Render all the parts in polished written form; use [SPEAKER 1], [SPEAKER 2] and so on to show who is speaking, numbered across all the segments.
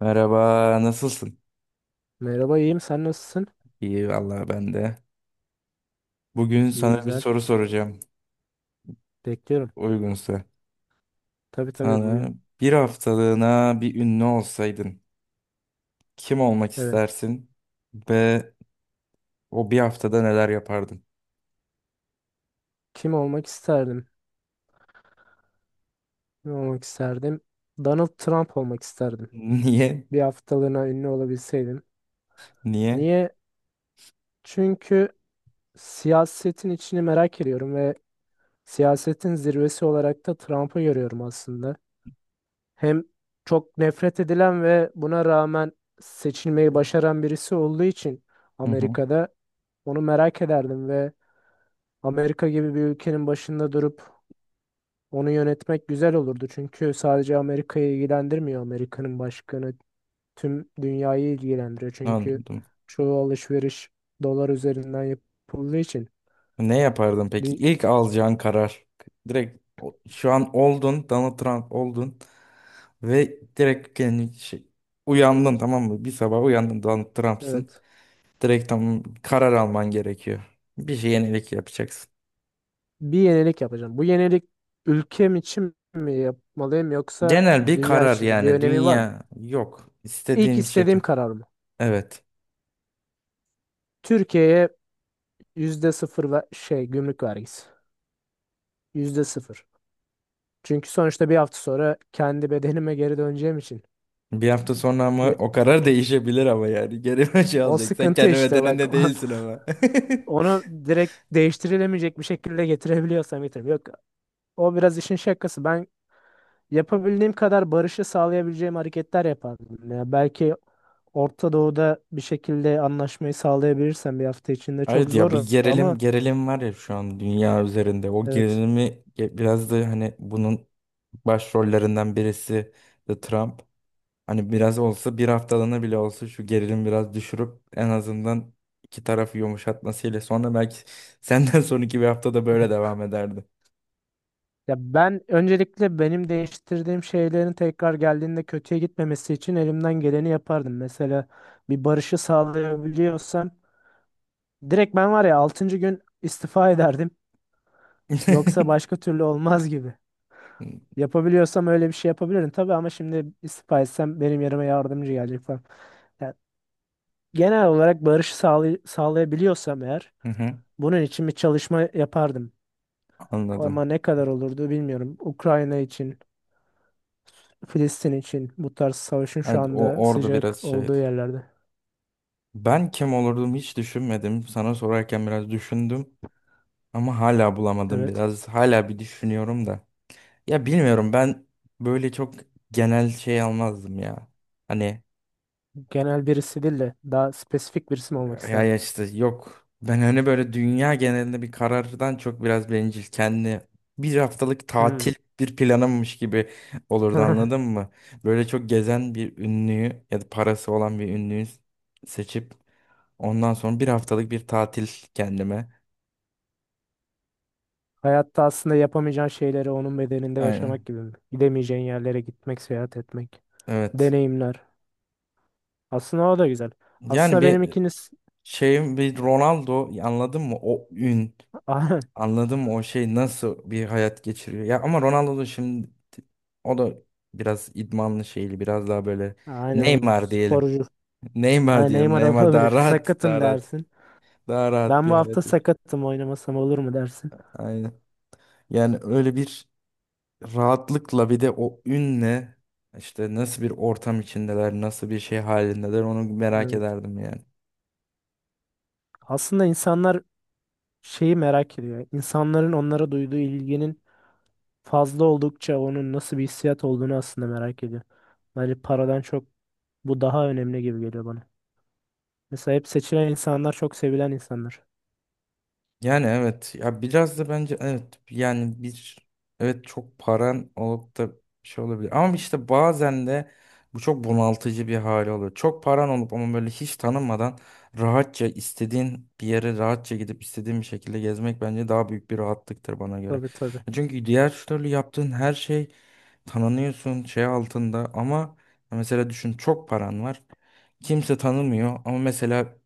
[SPEAKER 1] Merhaba, nasılsın?
[SPEAKER 2] Merhaba, iyiyim, sen nasılsın?
[SPEAKER 1] İyi vallahi ben de. Bugün
[SPEAKER 2] İyi,
[SPEAKER 1] sana bir
[SPEAKER 2] güzel.
[SPEAKER 1] soru soracağım,
[SPEAKER 2] Bekliyorum.
[SPEAKER 1] uygunsa.
[SPEAKER 2] Tabii tabii,
[SPEAKER 1] Sana
[SPEAKER 2] buyurun.
[SPEAKER 1] bir haftalığına bir ünlü olsaydın, kim olmak
[SPEAKER 2] Evet.
[SPEAKER 1] istersin ve o bir haftada neler yapardın?
[SPEAKER 2] Kim olmak isterdim? Kim olmak isterdim? Donald Trump olmak isterdim.
[SPEAKER 1] Niye?
[SPEAKER 2] Bir haftalığına ünlü olabilseydim.
[SPEAKER 1] Niye?
[SPEAKER 2] Niye? Çünkü siyasetin içini merak ediyorum ve siyasetin zirvesi olarak da Trump'ı görüyorum aslında. Hem çok nefret edilen ve buna rağmen seçilmeyi başaran birisi olduğu için
[SPEAKER 1] Hı hı,
[SPEAKER 2] Amerika'da onu merak ederdim ve Amerika gibi bir ülkenin başında durup onu yönetmek güzel olurdu, çünkü sadece Amerika'yı ilgilendirmiyor, Amerika'nın başkanı tüm dünyayı ilgilendiriyor çünkü
[SPEAKER 1] anladım.
[SPEAKER 2] çoğu alışveriş dolar üzerinden yapıldığı için.
[SPEAKER 1] Ne yapardın peki?
[SPEAKER 2] Dü-
[SPEAKER 1] İlk alacağın karar. Direkt şu an oldun, Donald Trump oldun ve direkt kendi uyandın, tamam mı? Bir sabah uyandın, Donald Trump'sın.
[SPEAKER 2] evet,
[SPEAKER 1] Direkt tam karar alman gerekiyor. Bir şey, yenilik yapacaksın.
[SPEAKER 2] bir yenilik yapacağım. Bu yenilik ülkem için mi yapmalıyım yoksa
[SPEAKER 1] Genel bir
[SPEAKER 2] dünya
[SPEAKER 1] karar,
[SPEAKER 2] için mi? Bir
[SPEAKER 1] yani
[SPEAKER 2] önemi var mı?
[SPEAKER 1] dünya yok.
[SPEAKER 2] İlk
[SPEAKER 1] İstediğim şekil.
[SPEAKER 2] istediğim karar mı?
[SPEAKER 1] Evet.
[SPEAKER 2] Türkiye'ye %0 ve şey, gümrük vergisi %0. Çünkü sonuçta bir hafta sonra kendi bedenime geri döneceğim için
[SPEAKER 1] Bir hafta sonra ama
[SPEAKER 2] bir
[SPEAKER 1] o karar değişebilir ama yani. Geri bir şey
[SPEAKER 2] o
[SPEAKER 1] alacak. Sen
[SPEAKER 2] sıkıntı
[SPEAKER 1] kendi
[SPEAKER 2] işte bak.
[SPEAKER 1] bedeninde değilsin ama.
[SPEAKER 2] Onu direkt değiştirilemeyecek bir şekilde getirebiliyorsam getireyim. Yok, o biraz işin şakası. Ben yapabildiğim kadar barışı sağlayabileceğim hareketler yapardım. Ya belki Orta Doğu'da bir şekilde anlaşmayı sağlayabilirsem bir hafta içinde, çok
[SPEAKER 1] Evet ya,
[SPEAKER 2] zor
[SPEAKER 1] bir gerilim
[SPEAKER 2] ama
[SPEAKER 1] gerilim var ya şu an dünya üzerinde. O
[SPEAKER 2] evet.
[SPEAKER 1] gerilimi biraz da hani bunun başrollerinden birisi de Trump. Hani biraz olsa, bir haftalığına bile olsa şu gerilim biraz düşürüp en azından iki tarafı yumuşatmasıyla sonra belki senden sonraki bir haftada böyle devam ederdi.
[SPEAKER 2] Ya ben öncelikle benim değiştirdiğim şeylerin tekrar geldiğinde kötüye gitmemesi için elimden geleni yapardım. Mesela bir barışı sağlayabiliyorsam direkt ben var ya altıncı gün istifa ederdim. Yoksa başka türlü olmaz gibi. Yapabiliyorsam öyle bir şey yapabilirim tabii, ama şimdi istifa etsem benim yerime yardımcı gelecek falan. Yani genel olarak barışı sağlayabiliyorsam eğer
[SPEAKER 1] Hı hı,
[SPEAKER 2] bunun için bir çalışma yapardım.
[SPEAKER 1] anladım.
[SPEAKER 2] Ama ne kadar olurdu bilmiyorum. Ukrayna için, Filistin için, bu tarz savaşın şu
[SPEAKER 1] Hadi
[SPEAKER 2] anda
[SPEAKER 1] o orada biraz
[SPEAKER 2] sıcak
[SPEAKER 1] şeydi.
[SPEAKER 2] olduğu yerlerde.
[SPEAKER 1] Ben kim olurdum hiç düşünmedim. Sana sorarken biraz düşündüm ama hala bulamadım
[SPEAKER 2] Evet.
[SPEAKER 1] biraz. Hala bir düşünüyorum da. Ya bilmiyorum, ben böyle çok genel şey almazdım ya. Hani
[SPEAKER 2] Genel birisi değil de daha spesifik birisi mi olmak
[SPEAKER 1] Ya
[SPEAKER 2] isterdim?
[SPEAKER 1] ya işte yok. Ben hani böyle dünya genelinde bir karardan çok biraz bencil. Kendi bir haftalık
[SPEAKER 2] Hmm.
[SPEAKER 1] tatil bir planımmış gibi olurdu, anladın mı? Böyle çok gezen bir ünlüyü ya da parası olan bir ünlüyü seçip ondan sonra bir haftalık bir tatil kendime.
[SPEAKER 2] Hayatta aslında yapamayacağın şeyleri onun bedeninde yaşamak
[SPEAKER 1] Aynen.
[SPEAKER 2] gibi mi? Gidemeyeceğin yerlere gitmek, seyahat etmek,
[SPEAKER 1] Evet.
[SPEAKER 2] deneyimler. Aslında o da güzel.
[SPEAKER 1] Yani
[SPEAKER 2] Aslında benim
[SPEAKER 1] bir
[SPEAKER 2] ikiniz
[SPEAKER 1] şeyim, bir Ronaldo, anladın mı? O ün. Anladım o şey nasıl bir hayat geçiriyor. Ya ama Ronaldo da şimdi o da biraz idmanlı şeyli, biraz daha böyle
[SPEAKER 2] aynen, o
[SPEAKER 1] Neymar diyelim.
[SPEAKER 2] sporcu.
[SPEAKER 1] Neymar
[SPEAKER 2] Aynen,
[SPEAKER 1] diyelim.
[SPEAKER 2] Neymar
[SPEAKER 1] Neymar
[SPEAKER 2] olabilir.
[SPEAKER 1] daha rahat,
[SPEAKER 2] Sakatım
[SPEAKER 1] daha rahat.
[SPEAKER 2] dersin.
[SPEAKER 1] Daha rahat
[SPEAKER 2] Ben bu
[SPEAKER 1] bir
[SPEAKER 2] hafta
[SPEAKER 1] hayat yaşıyor.
[SPEAKER 2] sakatım, oynamasam olur mu dersin.
[SPEAKER 1] Aynen. Yani öyle bir rahatlıkla bir de o ünle işte nasıl bir ortam içindeler, nasıl bir şey halindeler onu merak
[SPEAKER 2] Evet.
[SPEAKER 1] ederdim yani.
[SPEAKER 2] Aslında insanlar şeyi merak ediyor. İnsanların onlara duyduğu ilginin fazla oldukça onun nasıl bir hissiyat olduğunu aslında merak ediyor. Bence paradan çok bu daha önemli gibi geliyor bana. Mesela hep seçilen insanlar çok sevilen insanlar.
[SPEAKER 1] Yani evet ya, biraz da bence evet yani bir evet, çok paran olup da bir şey olabilir ama işte bazen de bu çok bunaltıcı bir hali oluyor. Çok paran olup ama böyle hiç tanınmadan rahatça istediğin bir yere rahatça gidip istediğin bir şekilde gezmek bence daha büyük bir rahatlıktır bana göre.
[SPEAKER 2] Tabii tabii.
[SPEAKER 1] Çünkü diğer türlü yaptığın her şey tanınıyorsun şey altında ama mesela düşün, çok paran var, kimse tanımıyor ama mesela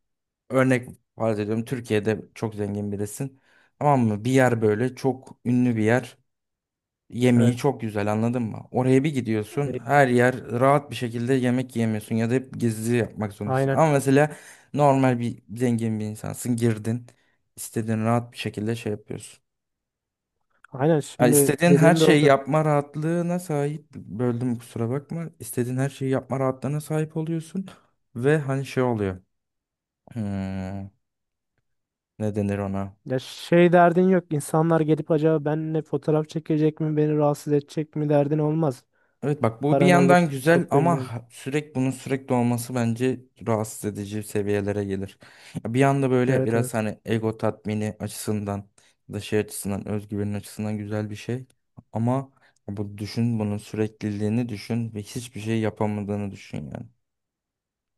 [SPEAKER 1] örnek, farz ediyorum Türkiye'de çok zengin birisin. Tamam mı? Bir yer böyle çok ünlü bir yer. Yemeği
[SPEAKER 2] Evet.
[SPEAKER 1] çok güzel, anladın mı? Oraya bir gidiyorsun,
[SPEAKER 2] E,
[SPEAKER 1] her yer rahat bir şekilde yemek yiyemiyorsun ya da hep gizli yapmak zorundasın.
[SPEAKER 2] aynen.
[SPEAKER 1] Ama mesela normal bir zengin bir insansın, girdin, istediğin rahat bir şekilde şey yapıyorsun.
[SPEAKER 2] Aynen,
[SPEAKER 1] Ya
[SPEAKER 2] şimdi
[SPEAKER 1] istediğin her
[SPEAKER 2] dediğin
[SPEAKER 1] şeyi
[SPEAKER 2] doğru.
[SPEAKER 1] yapma rahatlığına sahip, böldüm kusura bakma. İstediğin her şeyi yapma rahatlığına sahip oluyorsun ve hani şey oluyor. Hmm, ne denir ona?
[SPEAKER 2] Ya şey derdin yok. İnsanlar gelip acaba benimle fotoğraf çekecek mi, beni rahatsız edecek mi derdin olmaz.
[SPEAKER 1] Evet bak, bu bir
[SPEAKER 2] Paran olup
[SPEAKER 1] yandan güzel
[SPEAKER 2] çok da
[SPEAKER 1] ama
[SPEAKER 2] ünlü ol.
[SPEAKER 1] sürekli bunun sürekli olması bence rahatsız edici seviyelere gelir. Ya, bir yanda böyle
[SPEAKER 2] Evet evet.
[SPEAKER 1] biraz hani ego tatmini açısından ya da şey açısından, özgüvenin açısından güzel bir şey. Ama bu düşün, bunun sürekliliğini düşün ve hiçbir şey yapamadığını düşün yani.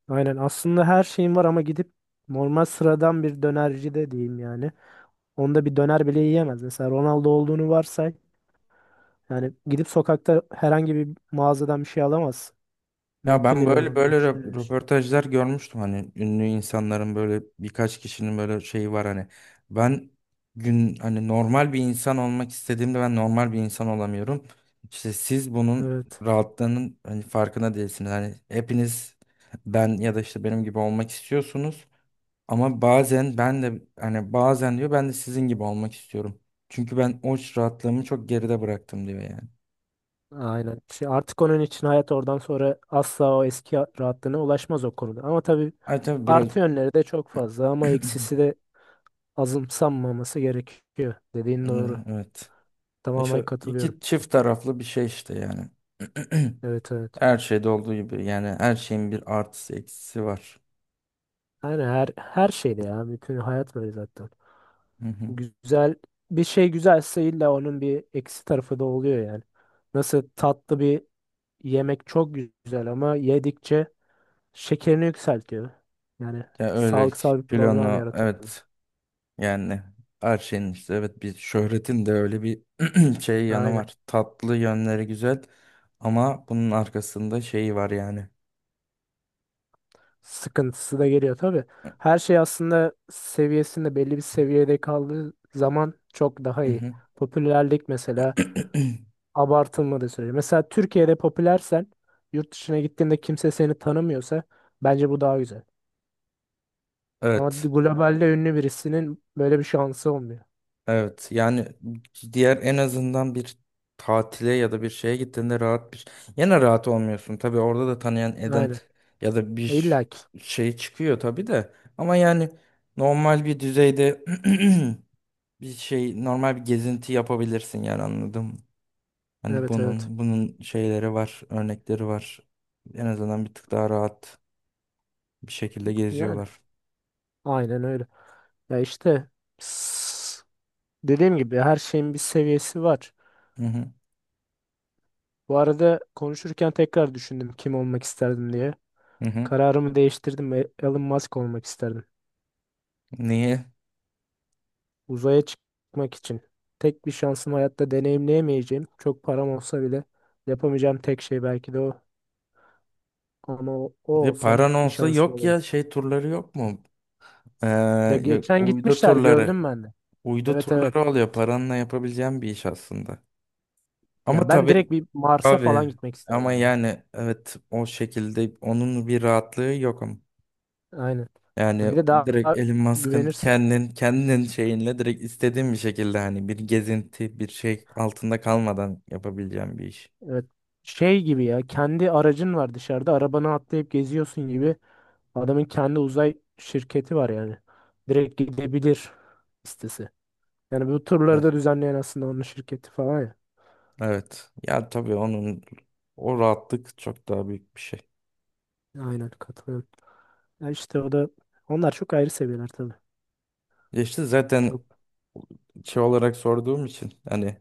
[SPEAKER 2] Aynen. Aslında her şeyin var ama gidip normal sıradan bir dönerci de diyeyim yani. Onda bir döner bile yiyemez. Mesela Ronaldo olduğunu varsay. Yani gidip sokakta herhangi bir mağazadan bir şey alamaz.
[SPEAKER 1] Ya
[SPEAKER 2] Mümkün
[SPEAKER 1] ben
[SPEAKER 2] değil
[SPEAKER 1] böyle
[SPEAKER 2] onun
[SPEAKER 1] böyle
[SPEAKER 2] için.
[SPEAKER 1] röportajlar görmüştüm, hani ünlü insanların böyle birkaç kişinin böyle şeyi var, hani ben gün hani normal bir insan olmak istediğimde ben normal bir insan olamıyorum. İşte siz bunun
[SPEAKER 2] Evet.
[SPEAKER 1] rahatlığının hani farkına değilsiniz. Hani hepiniz ben ya da işte benim gibi olmak istiyorsunuz ama bazen ben de hani bazen diyor ben de sizin gibi olmak istiyorum. Çünkü ben o rahatlığımı çok geride bıraktım diyor yani.
[SPEAKER 2] Aynen. Şey, artık onun için hayat oradan sonra asla o eski rahatlığına ulaşmaz o konuda. Ama tabii,
[SPEAKER 1] Ay tabii biraz
[SPEAKER 2] artı yönleri de çok fazla ama eksisi de azımsanmaması gerekiyor. Dediğin doğru.
[SPEAKER 1] evet.
[SPEAKER 2] Tamamen
[SPEAKER 1] İşte
[SPEAKER 2] katılıyorum.
[SPEAKER 1] iki çift taraflı bir şey işte yani.
[SPEAKER 2] Evet evet.
[SPEAKER 1] Her şeyde olduğu gibi yani her şeyin bir artısı eksisi var.
[SPEAKER 2] Yani her şeyde ya. Bütün hayat böyle zaten.
[SPEAKER 1] Hı hı.
[SPEAKER 2] Güzel bir şey güzelse illa onun bir eksi tarafı da oluyor yani. Nasıl tatlı bir yemek çok güzel ama yedikçe şekerini yükseltiyor. Yani
[SPEAKER 1] Ya öyle
[SPEAKER 2] sağlıksal bir problem
[SPEAKER 1] kilonu
[SPEAKER 2] yaratıyor.
[SPEAKER 1] evet, yani her şeyin işte evet, bir şöhretin de öyle bir şey yanı
[SPEAKER 2] Aynen.
[SPEAKER 1] var. Tatlı yönleri güzel ama bunun arkasında şeyi var yani.
[SPEAKER 2] Sıkıntısı da geliyor tabii. Her şey aslında seviyesinde, belli bir seviyede kaldığı zaman çok daha
[SPEAKER 1] Hı
[SPEAKER 2] iyi.
[SPEAKER 1] hı.
[SPEAKER 2] Popülerlik mesela abartılmadığı sürece. Mesela Türkiye'de popülersen yurt dışına gittiğinde kimse seni tanımıyorsa bence bu daha güzel. Ama
[SPEAKER 1] Evet.
[SPEAKER 2] globalde ünlü birisinin böyle bir şansı olmuyor.
[SPEAKER 1] Evet yani diğer en azından bir tatile ya da bir şeye gittiğinde rahat bir, yine rahat olmuyorsun tabii, orada da tanıyan eden
[SPEAKER 2] Aynen.
[SPEAKER 1] ya da
[SPEAKER 2] E,
[SPEAKER 1] bir
[SPEAKER 2] İlla ki.
[SPEAKER 1] şey çıkıyor tabii de, ama yani normal bir düzeyde bir şey, normal bir gezinti yapabilirsin yani, anladım. Hani
[SPEAKER 2] Evet evet.
[SPEAKER 1] bunun şeyleri var, örnekleri var. En azından bir tık daha rahat bir şekilde
[SPEAKER 2] Yani
[SPEAKER 1] geziyorlar.
[SPEAKER 2] aynen öyle. Ya işte, s- dediğim gibi her şeyin bir seviyesi var.
[SPEAKER 1] Hı hı.
[SPEAKER 2] Bu arada konuşurken tekrar düşündüm kim olmak isterdim diye.
[SPEAKER 1] Hı hı.
[SPEAKER 2] Kararımı değiştirdim ve Elon Musk olmak isterdim.
[SPEAKER 1] Niye?
[SPEAKER 2] Uzaya çıkmak için. Tek bir şansım, hayatta deneyimleyemeyeceğim. Çok param olsa bile yapamayacağım tek şey belki de o. Ama o
[SPEAKER 1] Ya
[SPEAKER 2] olsam
[SPEAKER 1] paran
[SPEAKER 2] bir
[SPEAKER 1] olsa
[SPEAKER 2] şansım
[SPEAKER 1] yok
[SPEAKER 2] olur.
[SPEAKER 1] ya, şey turları yok mu? Ee,
[SPEAKER 2] Ya
[SPEAKER 1] ya
[SPEAKER 2] geçen
[SPEAKER 1] uydu
[SPEAKER 2] gitmişler
[SPEAKER 1] turları.
[SPEAKER 2] gördüm ben de.
[SPEAKER 1] Uydu
[SPEAKER 2] Evet evet.
[SPEAKER 1] turları oluyor. Paranla yapabileceğim bir iş aslında.
[SPEAKER 2] Ya
[SPEAKER 1] Ama
[SPEAKER 2] ben
[SPEAKER 1] tabii
[SPEAKER 2] direkt bir Mars'a falan
[SPEAKER 1] abi,
[SPEAKER 2] gitmek
[SPEAKER 1] ama
[SPEAKER 2] isterdim ya.
[SPEAKER 1] yani evet, o şekilde onun bir rahatlığı yok ama.
[SPEAKER 2] Aynen. Ya
[SPEAKER 1] Yani
[SPEAKER 2] bir de daha
[SPEAKER 1] direkt Elon Musk'ın
[SPEAKER 2] güvenirsin.
[SPEAKER 1] kendin şeyinle direkt istediğin bir şekilde hani bir gezinti, bir şey altında kalmadan yapabileceğim bir iş.
[SPEAKER 2] Evet. Şey gibi ya, kendi aracın var dışarıda, arabana atlayıp geziyorsun gibi. Adamın kendi uzay şirketi var yani. Direkt gidebilir listesi. Yani bu turları da
[SPEAKER 1] Evet.
[SPEAKER 2] düzenleyen aslında onun şirketi falan ya.
[SPEAKER 1] Evet. Ya tabii onun o rahatlık çok daha büyük bir şey.
[SPEAKER 2] Aynen katılıyorum. Ya işte o da, onlar çok ayrı seviyeler tabii.
[SPEAKER 1] Ya İşte
[SPEAKER 2] Çok
[SPEAKER 1] zaten şey olarak sorduğum için hani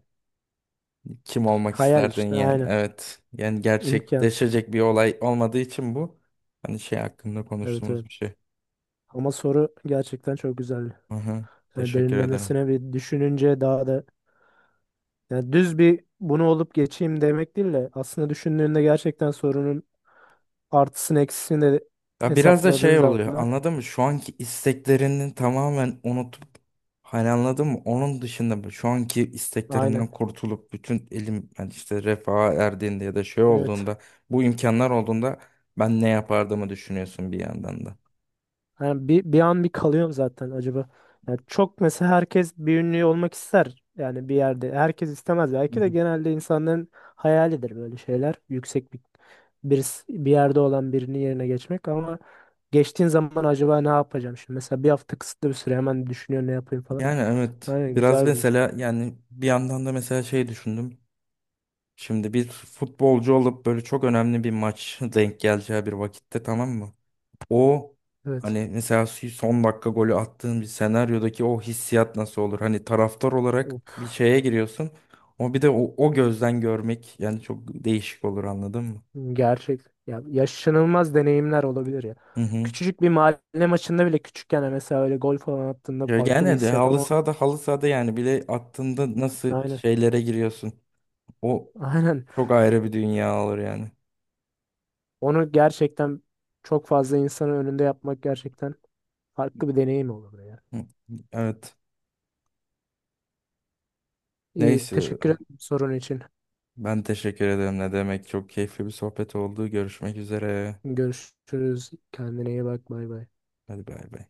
[SPEAKER 1] kim olmak
[SPEAKER 2] hayal
[SPEAKER 1] isterdin
[SPEAKER 2] işte,
[SPEAKER 1] yani?
[SPEAKER 2] aynen.
[SPEAKER 1] Evet. Yani
[SPEAKER 2] İmkansız.
[SPEAKER 1] gerçekleşecek bir olay olmadığı için bu. Hani şey hakkında
[SPEAKER 2] Evet
[SPEAKER 1] konuştuğumuz
[SPEAKER 2] evet.
[SPEAKER 1] bir şey.
[SPEAKER 2] Ama soru gerçekten çok güzel.
[SPEAKER 1] Aha,
[SPEAKER 2] Yani
[SPEAKER 1] teşekkür ederim.
[SPEAKER 2] derinlemesine bir düşününce daha da, yani düz bir bunu olup geçeyim demek değil de aslında düşündüğünde gerçekten sorunun artısını eksisini de
[SPEAKER 1] Ya biraz da
[SPEAKER 2] hesapladığın
[SPEAKER 1] şey oluyor.
[SPEAKER 2] zaman
[SPEAKER 1] Anladın mı? Şu anki isteklerini tamamen unutup hani, anladın mı? Onun dışında şu anki
[SPEAKER 2] aynen.
[SPEAKER 1] isteklerimden kurtulup bütün elim yani işte refaha erdiğinde ya da şey
[SPEAKER 2] Evet.
[SPEAKER 1] olduğunda bu imkanlar olduğunda ben ne yapardığımı düşünüyorsun bir yandan da.
[SPEAKER 2] Yani bir an bir kalıyorum zaten acaba. Yani çok mesela herkes bir ünlü olmak ister yani bir yerde. Herkes istemez.
[SPEAKER 1] Hı
[SPEAKER 2] Belki de
[SPEAKER 1] hı.
[SPEAKER 2] genelde insanların hayalidir böyle şeyler. Yüksek bir birisi, bir yerde olan birinin yerine geçmek, ama geçtiğin zaman acaba ne yapacağım şimdi? Mesela bir hafta kısıtlı bir süre, hemen düşünüyor ne yapayım falan.
[SPEAKER 1] Yani evet.
[SPEAKER 2] Aynen,
[SPEAKER 1] Biraz
[SPEAKER 2] güzel bir.
[SPEAKER 1] mesela yani bir yandan da mesela şey düşündüm. Şimdi bir futbolcu olup böyle çok önemli bir maç denk geleceği bir vakitte, tamam mı? O
[SPEAKER 2] Evet.
[SPEAKER 1] hani mesela son dakika golü attığın bir senaryodaki o hissiyat nasıl olur? Hani taraftar olarak
[SPEAKER 2] Of,
[SPEAKER 1] bir şeye giriyorsun. O bir de o gözden görmek yani çok değişik olur, anladın mı?
[SPEAKER 2] gerçek. Ya yaşanılmaz deneyimler olabilir ya.
[SPEAKER 1] Hı hı.
[SPEAKER 2] Küçücük bir mahalle maçında bile, küçükken mesela öyle gol falan attığında
[SPEAKER 1] Ya
[SPEAKER 2] farklı bir
[SPEAKER 1] gene de
[SPEAKER 2] hissiyat
[SPEAKER 1] halı
[SPEAKER 2] ama
[SPEAKER 1] sahada halı sahada yani bile attığında nasıl
[SPEAKER 2] aynen.
[SPEAKER 1] şeylere giriyorsun? O
[SPEAKER 2] Aynen.
[SPEAKER 1] çok ayrı bir dünya olur yani.
[SPEAKER 2] Onu gerçekten çok fazla insanın önünde yapmak gerçekten farklı bir deneyim olurdu ya.
[SPEAKER 1] Hı, evet.
[SPEAKER 2] İyi,
[SPEAKER 1] Neyse,
[SPEAKER 2] teşekkür ederim sorun için.
[SPEAKER 1] ben teşekkür ederim. Ne demek? Çok keyifli bir sohbet oldu. Görüşmek üzere.
[SPEAKER 2] Görüşürüz. Kendine iyi bak. Bay bay.
[SPEAKER 1] Hadi bay bay.